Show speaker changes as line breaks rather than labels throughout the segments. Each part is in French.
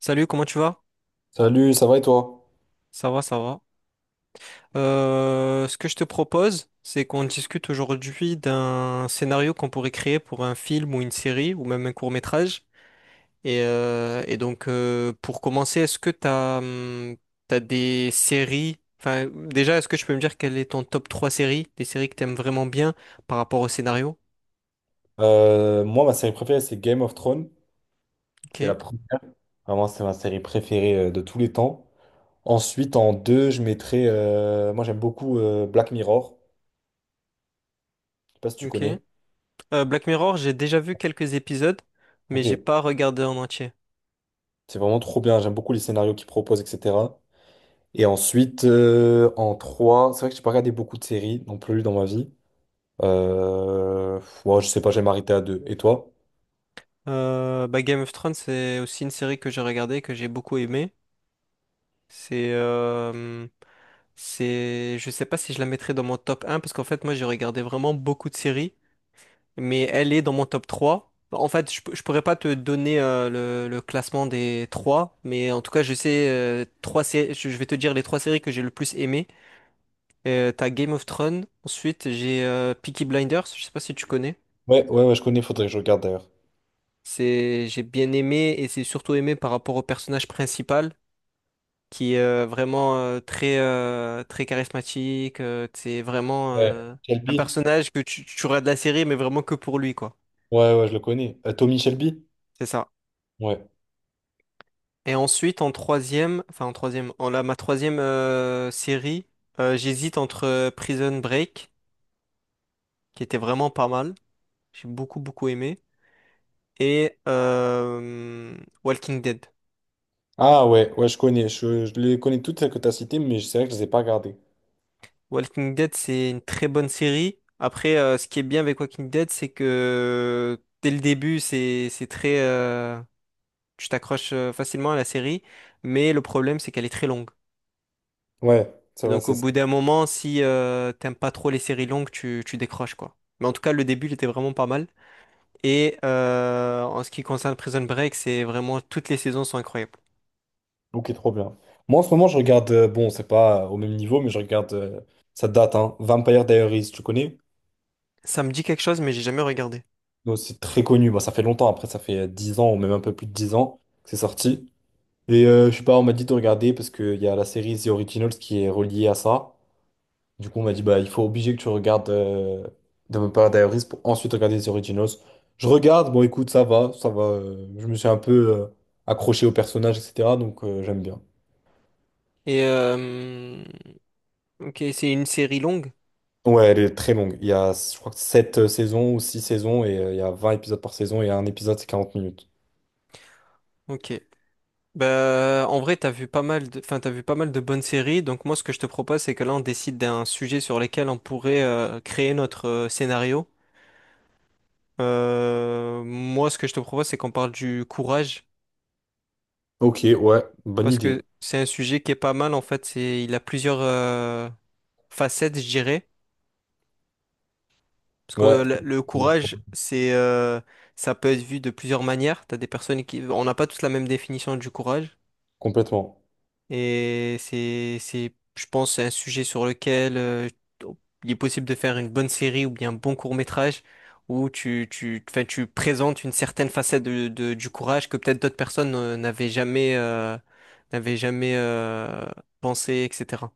Salut, comment tu vas?
Salut, ça va et toi?
Ça va. Ce que je te propose, c'est qu'on discute aujourd'hui d'un scénario qu'on pourrait créer pour un film ou une série ou même un court-métrage. Et donc, pour commencer, est-ce que t'as des séries? Enfin, déjà, est-ce que tu peux me dire quel est ton top 3 séries, des séries que t'aimes vraiment bien par rapport au scénario?
Moi, ma série préférée, c'est Game of Thrones.
Ok,
C'est la première. Vraiment, c'est ma série préférée de tous les temps. Ensuite, en deux, je mettrais, moi, j'aime beaucoup Black Mirror. Je sais pas si tu
ok.
connais.
Black Mirror, j'ai déjà vu quelques épisodes, mais
Ok.
j'ai pas regardé en entier.
C'est vraiment trop bien. J'aime beaucoup les scénarios qu'ils proposent, etc. Et ensuite, en trois, c'est vrai que j'ai pas regardé beaucoup de séries non plus dans ma vie. Ouais, je sais pas, j'ai m'arrêter à deux. Et toi?
Bah Game of Thrones, c'est aussi une série que j'ai regardée, que j'ai beaucoup aimée. C'est, euh, je sais pas si je la mettrais dans mon top un parce qu'en fait, moi, j'ai regardé vraiment beaucoup de séries, mais elle est dans mon top trois. Bah, en fait, je pourrais pas te donner le classement des trois, mais en tout cas, je sais trois sé- je vais te dire les trois séries que j'ai le plus aimées. T'as Game of Thrones, ensuite j'ai Peaky Blinders, je sais pas si tu connais.
Ouais, ouais, ouais, je connais. Faudrait que je regarde d'ailleurs.
C'est, j'ai bien aimé et c'est surtout aimé par rapport au personnage principal, qui est vraiment très très charismatique. euh, c'est vraiment
Ouais.
euh, un
Shelby?
personnage que tu auras de la série, mais vraiment que pour lui, quoi.
Ouais, ouais, je le connais. Tommy Shelby?
C'est ça.
Ouais.
Et ensuite, en troisième, enfin en troisième, en la ma troisième série, j'hésite entre Prison Break, qui était vraiment pas mal, j'ai beaucoup aimé, et Walking Dead.
Ah ouais, ouais, je connais. Je les connais toutes celles que tu as citées, mais c'est vrai que je les ai pas regardées.
Walking Dead, c'est une très bonne série. Après, ce qui est bien avec Walking Dead, c'est que dès le début, c'est très tu t'accroches facilement à la série, mais le problème c'est qu'elle est très longue.
Ouais, c'est
Et
vrai,
donc au
c'est ça.
bout d'un moment, si t'aimes pas trop les séries longues, tu décroches quoi. Mais en tout cas, le début, il était vraiment pas mal. Et en ce qui concerne Prison Break, c'est vraiment toutes les saisons sont incroyables.
Ok, trop bien. Moi, en ce moment, je regarde, bon, c'est pas au même niveau, mais je regarde, ça date, hein, Vampire Diaries, tu connais?
Ça me dit quelque chose, mais j'ai jamais regardé.
Non, c'est très connu. Bah, ça fait longtemps, après, ça fait 10 ans, ou même un peu plus de 10 ans que c'est sorti. Et je sais pas, on m'a dit de regarder parce qu'il y a la série The Originals qui est reliée à ça. Du coup, on m'a dit, bah, il faut obligé que tu regardes Vampire Diaries pour ensuite regarder les Originals. Je regarde, bon, écoute, ça va, ça va. Je me suis un peu accroché au personnage, etc. Donc, j'aime bien.
Et ok, c'est une série longue.
Ouais, elle est très longue. Il y a, je crois que 7 saisons ou 6 saisons, et il y a 20 épisodes par saison, et un épisode, c'est 40 minutes.
Ok. Bah, en vrai, t'as vu pas mal de, enfin, t'as vu pas mal de bonnes séries. Donc moi, ce que je te propose, c'est que là, on décide d'un sujet sur lequel on pourrait créer notre scénario. Moi, ce que je te propose, c'est qu'on parle du courage,
Ok, ouais, bonne
parce
idée.
que c'est un sujet qui est pas mal, en fait. C'est, il a plusieurs facettes, je dirais. Parce que
Ouais,
le courage, ça peut être vu de plusieurs manières. T'as des personnes qui, on n'a pas tous la même définition du courage.
complètement.
Et je pense, un sujet sur lequel il est possible de faire une bonne série ou bien un bon court-métrage où enfin, tu présentes une certaine facette de, du courage que peut-être d'autres personnes n'avaient jamais pensé, etc.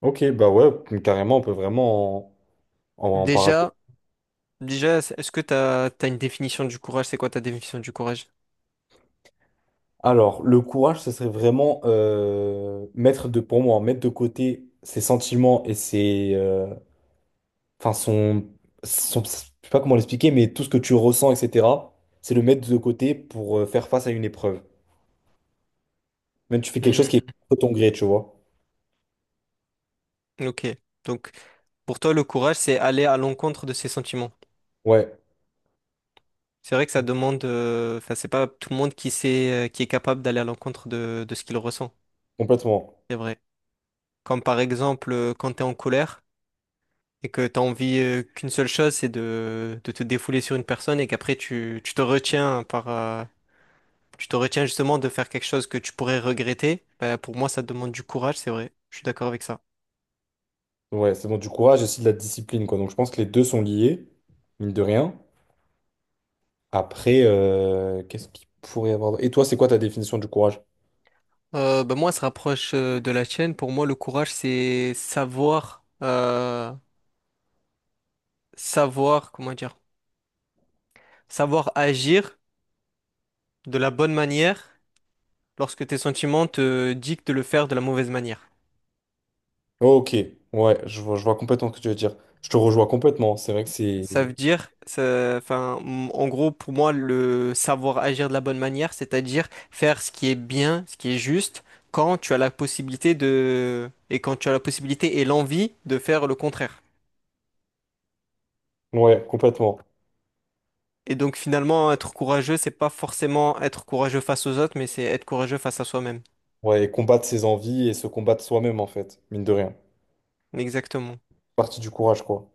Ok, bah ouais, carrément, on peut vraiment en parler.
Déjà, déjà, est-ce que t'as une définition du courage? C'est quoi ta définition du courage?
Alors, le courage, ce serait vraiment mettre de, pour moi, mettre de côté ses sentiments et ses, enfin son, je sais pas comment l'expliquer, mais tout ce que tu ressens, etc. C'est le mettre de côté pour faire face à une épreuve. Même tu fais quelque chose qui est
Hmm,
contre ton gré, tu vois.
ok. Donc, pour toi, le courage, c'est aller à l'encontre de ses sentiments.
Ouais,
C'est vrai que ça demande, enfin, c'est pas tout le monde qui sait, qui est capable d'aller à l'encontre de ce qu'il ressent.
complètement.
C'est vrai. Comme par exemple, quand t'es en colère et que t'as envie, qu'une seule chose, c'est de te défouler sur une personne et qu'après tu te retiens tu te retiens justement de faire quelque chose que tu pourrais regretter. Bah, pour moi, ça demande du courage, c'est vrai. Je suis d'accord avec ça.
Ouais, c'est bon, du courage et aussi de la discipline, quoi. Donc, je pense que les deux sont liés, mine de rien. Après, qu'est-ce qu'il pourrait y avoir? Et toi, c'est quoi ta définition du courage?
Bah, moi, ça se rapproche de la tienne. Pour moi, le courage, c'est savoir, comment dire, savoir agir de la bonne manière lorsque tes sentiments te dictent de le faire de la mauvaise manière.
Ok, ouais, je vois complètement ce que tu veux dire. Je te rejoins complètement. C'est vrai que c'est.
Ça veut dire, ça- enfin, m- En gros, pour moi, le savoir agir de la bonne manière, c'est-à-dire faire ce qui est bien, ce qui est juste, quand tu as la possibilité et quand tu as la possibilité et l'envie de faire le contraire.
Ouais, complètement.
Et donc, finalement, être courageux, c'est pas forcément être courageux face aux autres, mais c'est être courageux face à soi-même.
Ouais, et combattre ses envies et se combattre soi-même, en fait, mine de rien.
Exactement.
Partie du courage, quoi.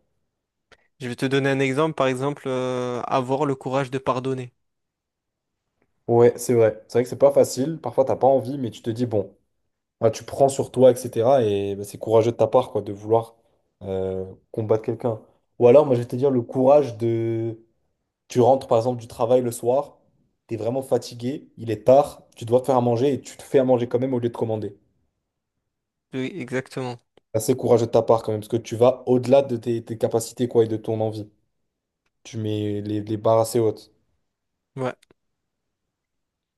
Je vais te donner un exemple, par exemple, avoir le courage de pardonner.
Ouais, c'est vrai. C'est vrai que c'est pas facile. Parfois, t'as pas envie, mais tu te dis, bon, ouais, tu prends sur toi, etc. Et bah, c'est courageux de ta part, quoi, de vouloir euh, combattre quelqu'un. Ou alors, moi, je vais te dire le courage de. Tu rentres, par exemple, du travail le soir, t'es vraiment fatigué, il est tard, tu dois te faire à manger et tu te fais à manger quand même au lieu de commander.
Oui, exactement.
Assez courageux de ta part quand même, parce que tu vas au-delà de tes capacités quoi, et de ton envie. Tu mets les barres assez hautes.
Ouais,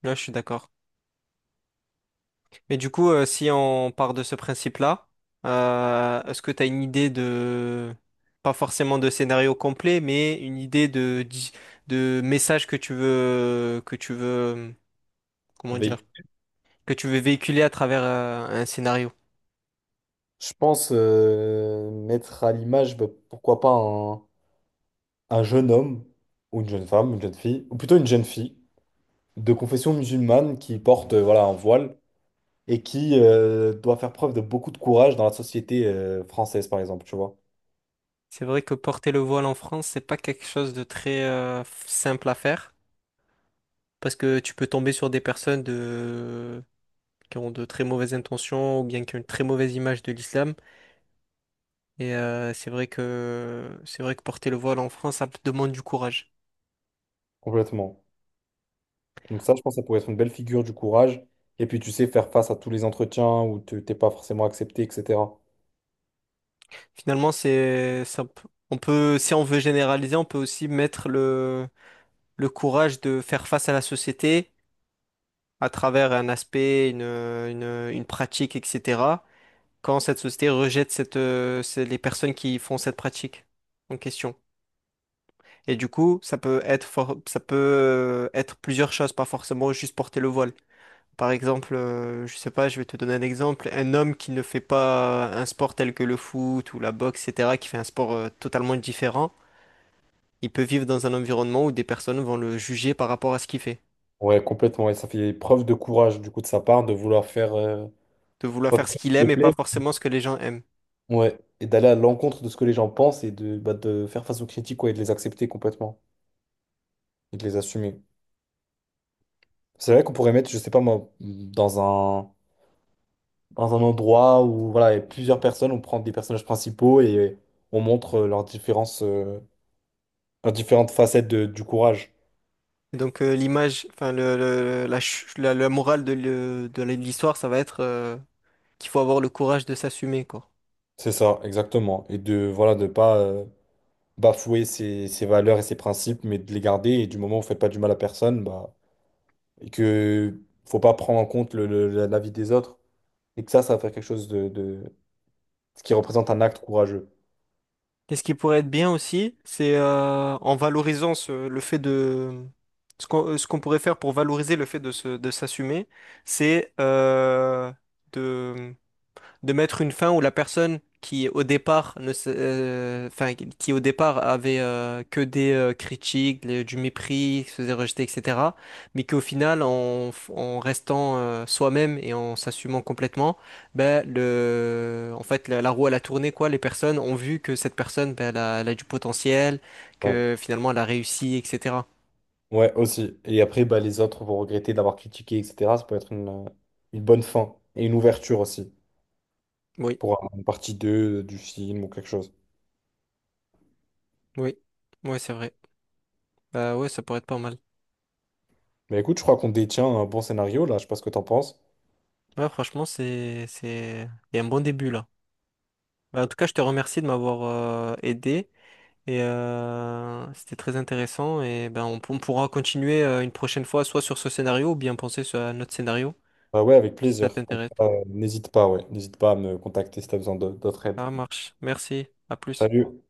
là, je suis d'accord. Mais du coup, si on part de ce principe-là, est-ce que tu as une idée de, pas forcément de scénario complet, mais une idée de, de message que tu veux, comment
Avec,
dire, que tu veux véhiculer à travers un scénario?
je pense mettre à l'image, bah, pourquoi pas un jeune homme, ou une jeune femme, une jeune fille, ou plutôt une jeune fille, de confession musulmane qui porte voilà, un voile et qui doit faire preuve de beaucoup de courage dans la société française, par exemple, tu vois.
C'est vrai que porter le voile en France, c'est pas quelque chose de très simple à faire, parce que tu peux tomber sur des personnes de, qui ont de très mauvaises intentions ou bien qui ont une très mauvaise image de l'islam. Et c'est vrai que porter le voile en France, ça demande du courage.
Complètement. Donc ça, je pense que ça pourrait être une belle figure du courage. Et puis, tu sais, faire face à tous les entretiens où tu t'es pas forcément accepté, etc.
Finalement, c'est ça, on peut, si on veut généraliser, on peut aussi mettre le courage de faire face à la société à travers un aspect, une pratique, etc. Quand cette société rejette cette, c'est les personnes qui font cette pratique en question. Et du coup, ça peut être for- ça peut être plusieurs choses, pas forcément juste porter le voile. Par exemple, je sais pas, je vais te donner un exemple. Un homme qui ne fait pas un sport tel que le foot ou la boxe, etc., qui fait un sport totalement différent, il peut vivre dans un environnement où des personnes vont le juger par rapport à ce qu'il fait,
Ouais, complètement. Et ça fait preuve de courage, du coup, de sa part, de vouloir faire
de vouloir
pas
faire
quelque
ce
chose
qu'il
qui me
aime et pas
plaît.
forcément ce que les gens aiment.
Ouais. Et d'aller à l'encontre de ce que les gens pensent et de, bah, de faire face aux critiques, ouais, et de les accepter complètement et de les assumer. C'est vrai qu'on pourrait mettre, je sais pas moi, dans un endroit où voilà, il y a plusieurs personnes, on prend des personnages principaux et on montre leurs différences, leurs différentes facettes du courage.
L'image, enfin la morale de l'histoire, ça va être qu'il faut avoir le courage de s'assumer, quoi.
C'est ça, exactement. Et de, voilà, de pas bafouer ses valeurs et ses principes, mais de les garder. Et du moment où on fait pas du mal à personne, bah. Et que faut pas prendre en compte la vie des autres et que ça va faire quelque chose de, ce qui représente un acte courageux.
Et ce qui pourrait être bien aussi, c'est en valorisant le fait de... Ce qu'on pourrait faire pour valoriser le fait de de s'assumer, c'est de mettre une fin où la personne qui au départ ne s- enfin qui au départ avait que des critiques, du mépris, se faisait rejeter, etc., mais qu'au final en restant soi-même et en s'assumant complètement, ben le en fait la, la roue elle a tourné quoi, les personnes ont vu que cette personne ben, elle a du potentiel,
Ouais.
que finalement elle a réussi, etc.
Ouais, aussi. Et après, bah, les autres vont regretter d'avoir critiqué, etc. Ça peut être une bonne fin et une ouverture aussi
Oui.
pour une partie 2 du film ou quelque chose.
Oui. Oui, ouais, c'est vrai. Bah ouais, ça pourrait être pas mal.
Mais écoute, je crois qu'on détient un bon scénario là. Je sais pas ce que t'en penses.
Ouais, franchement, c'est il y a un bon début là. Bah, en tout cas, je te remercie de m'avoir aidé et c'était très intéressant et ben on pourra continuer une prochaine fois soit sur ce scénario ou bien penser sur un autre scénario
Bah ouais, avec
si ça
plaisir.
t'intéresse.
N'hésite pas, ouais. N'hésite pas à me contacter si t'as besoin d'autres aides.
Ça marche. Merci. À plus.
Salut.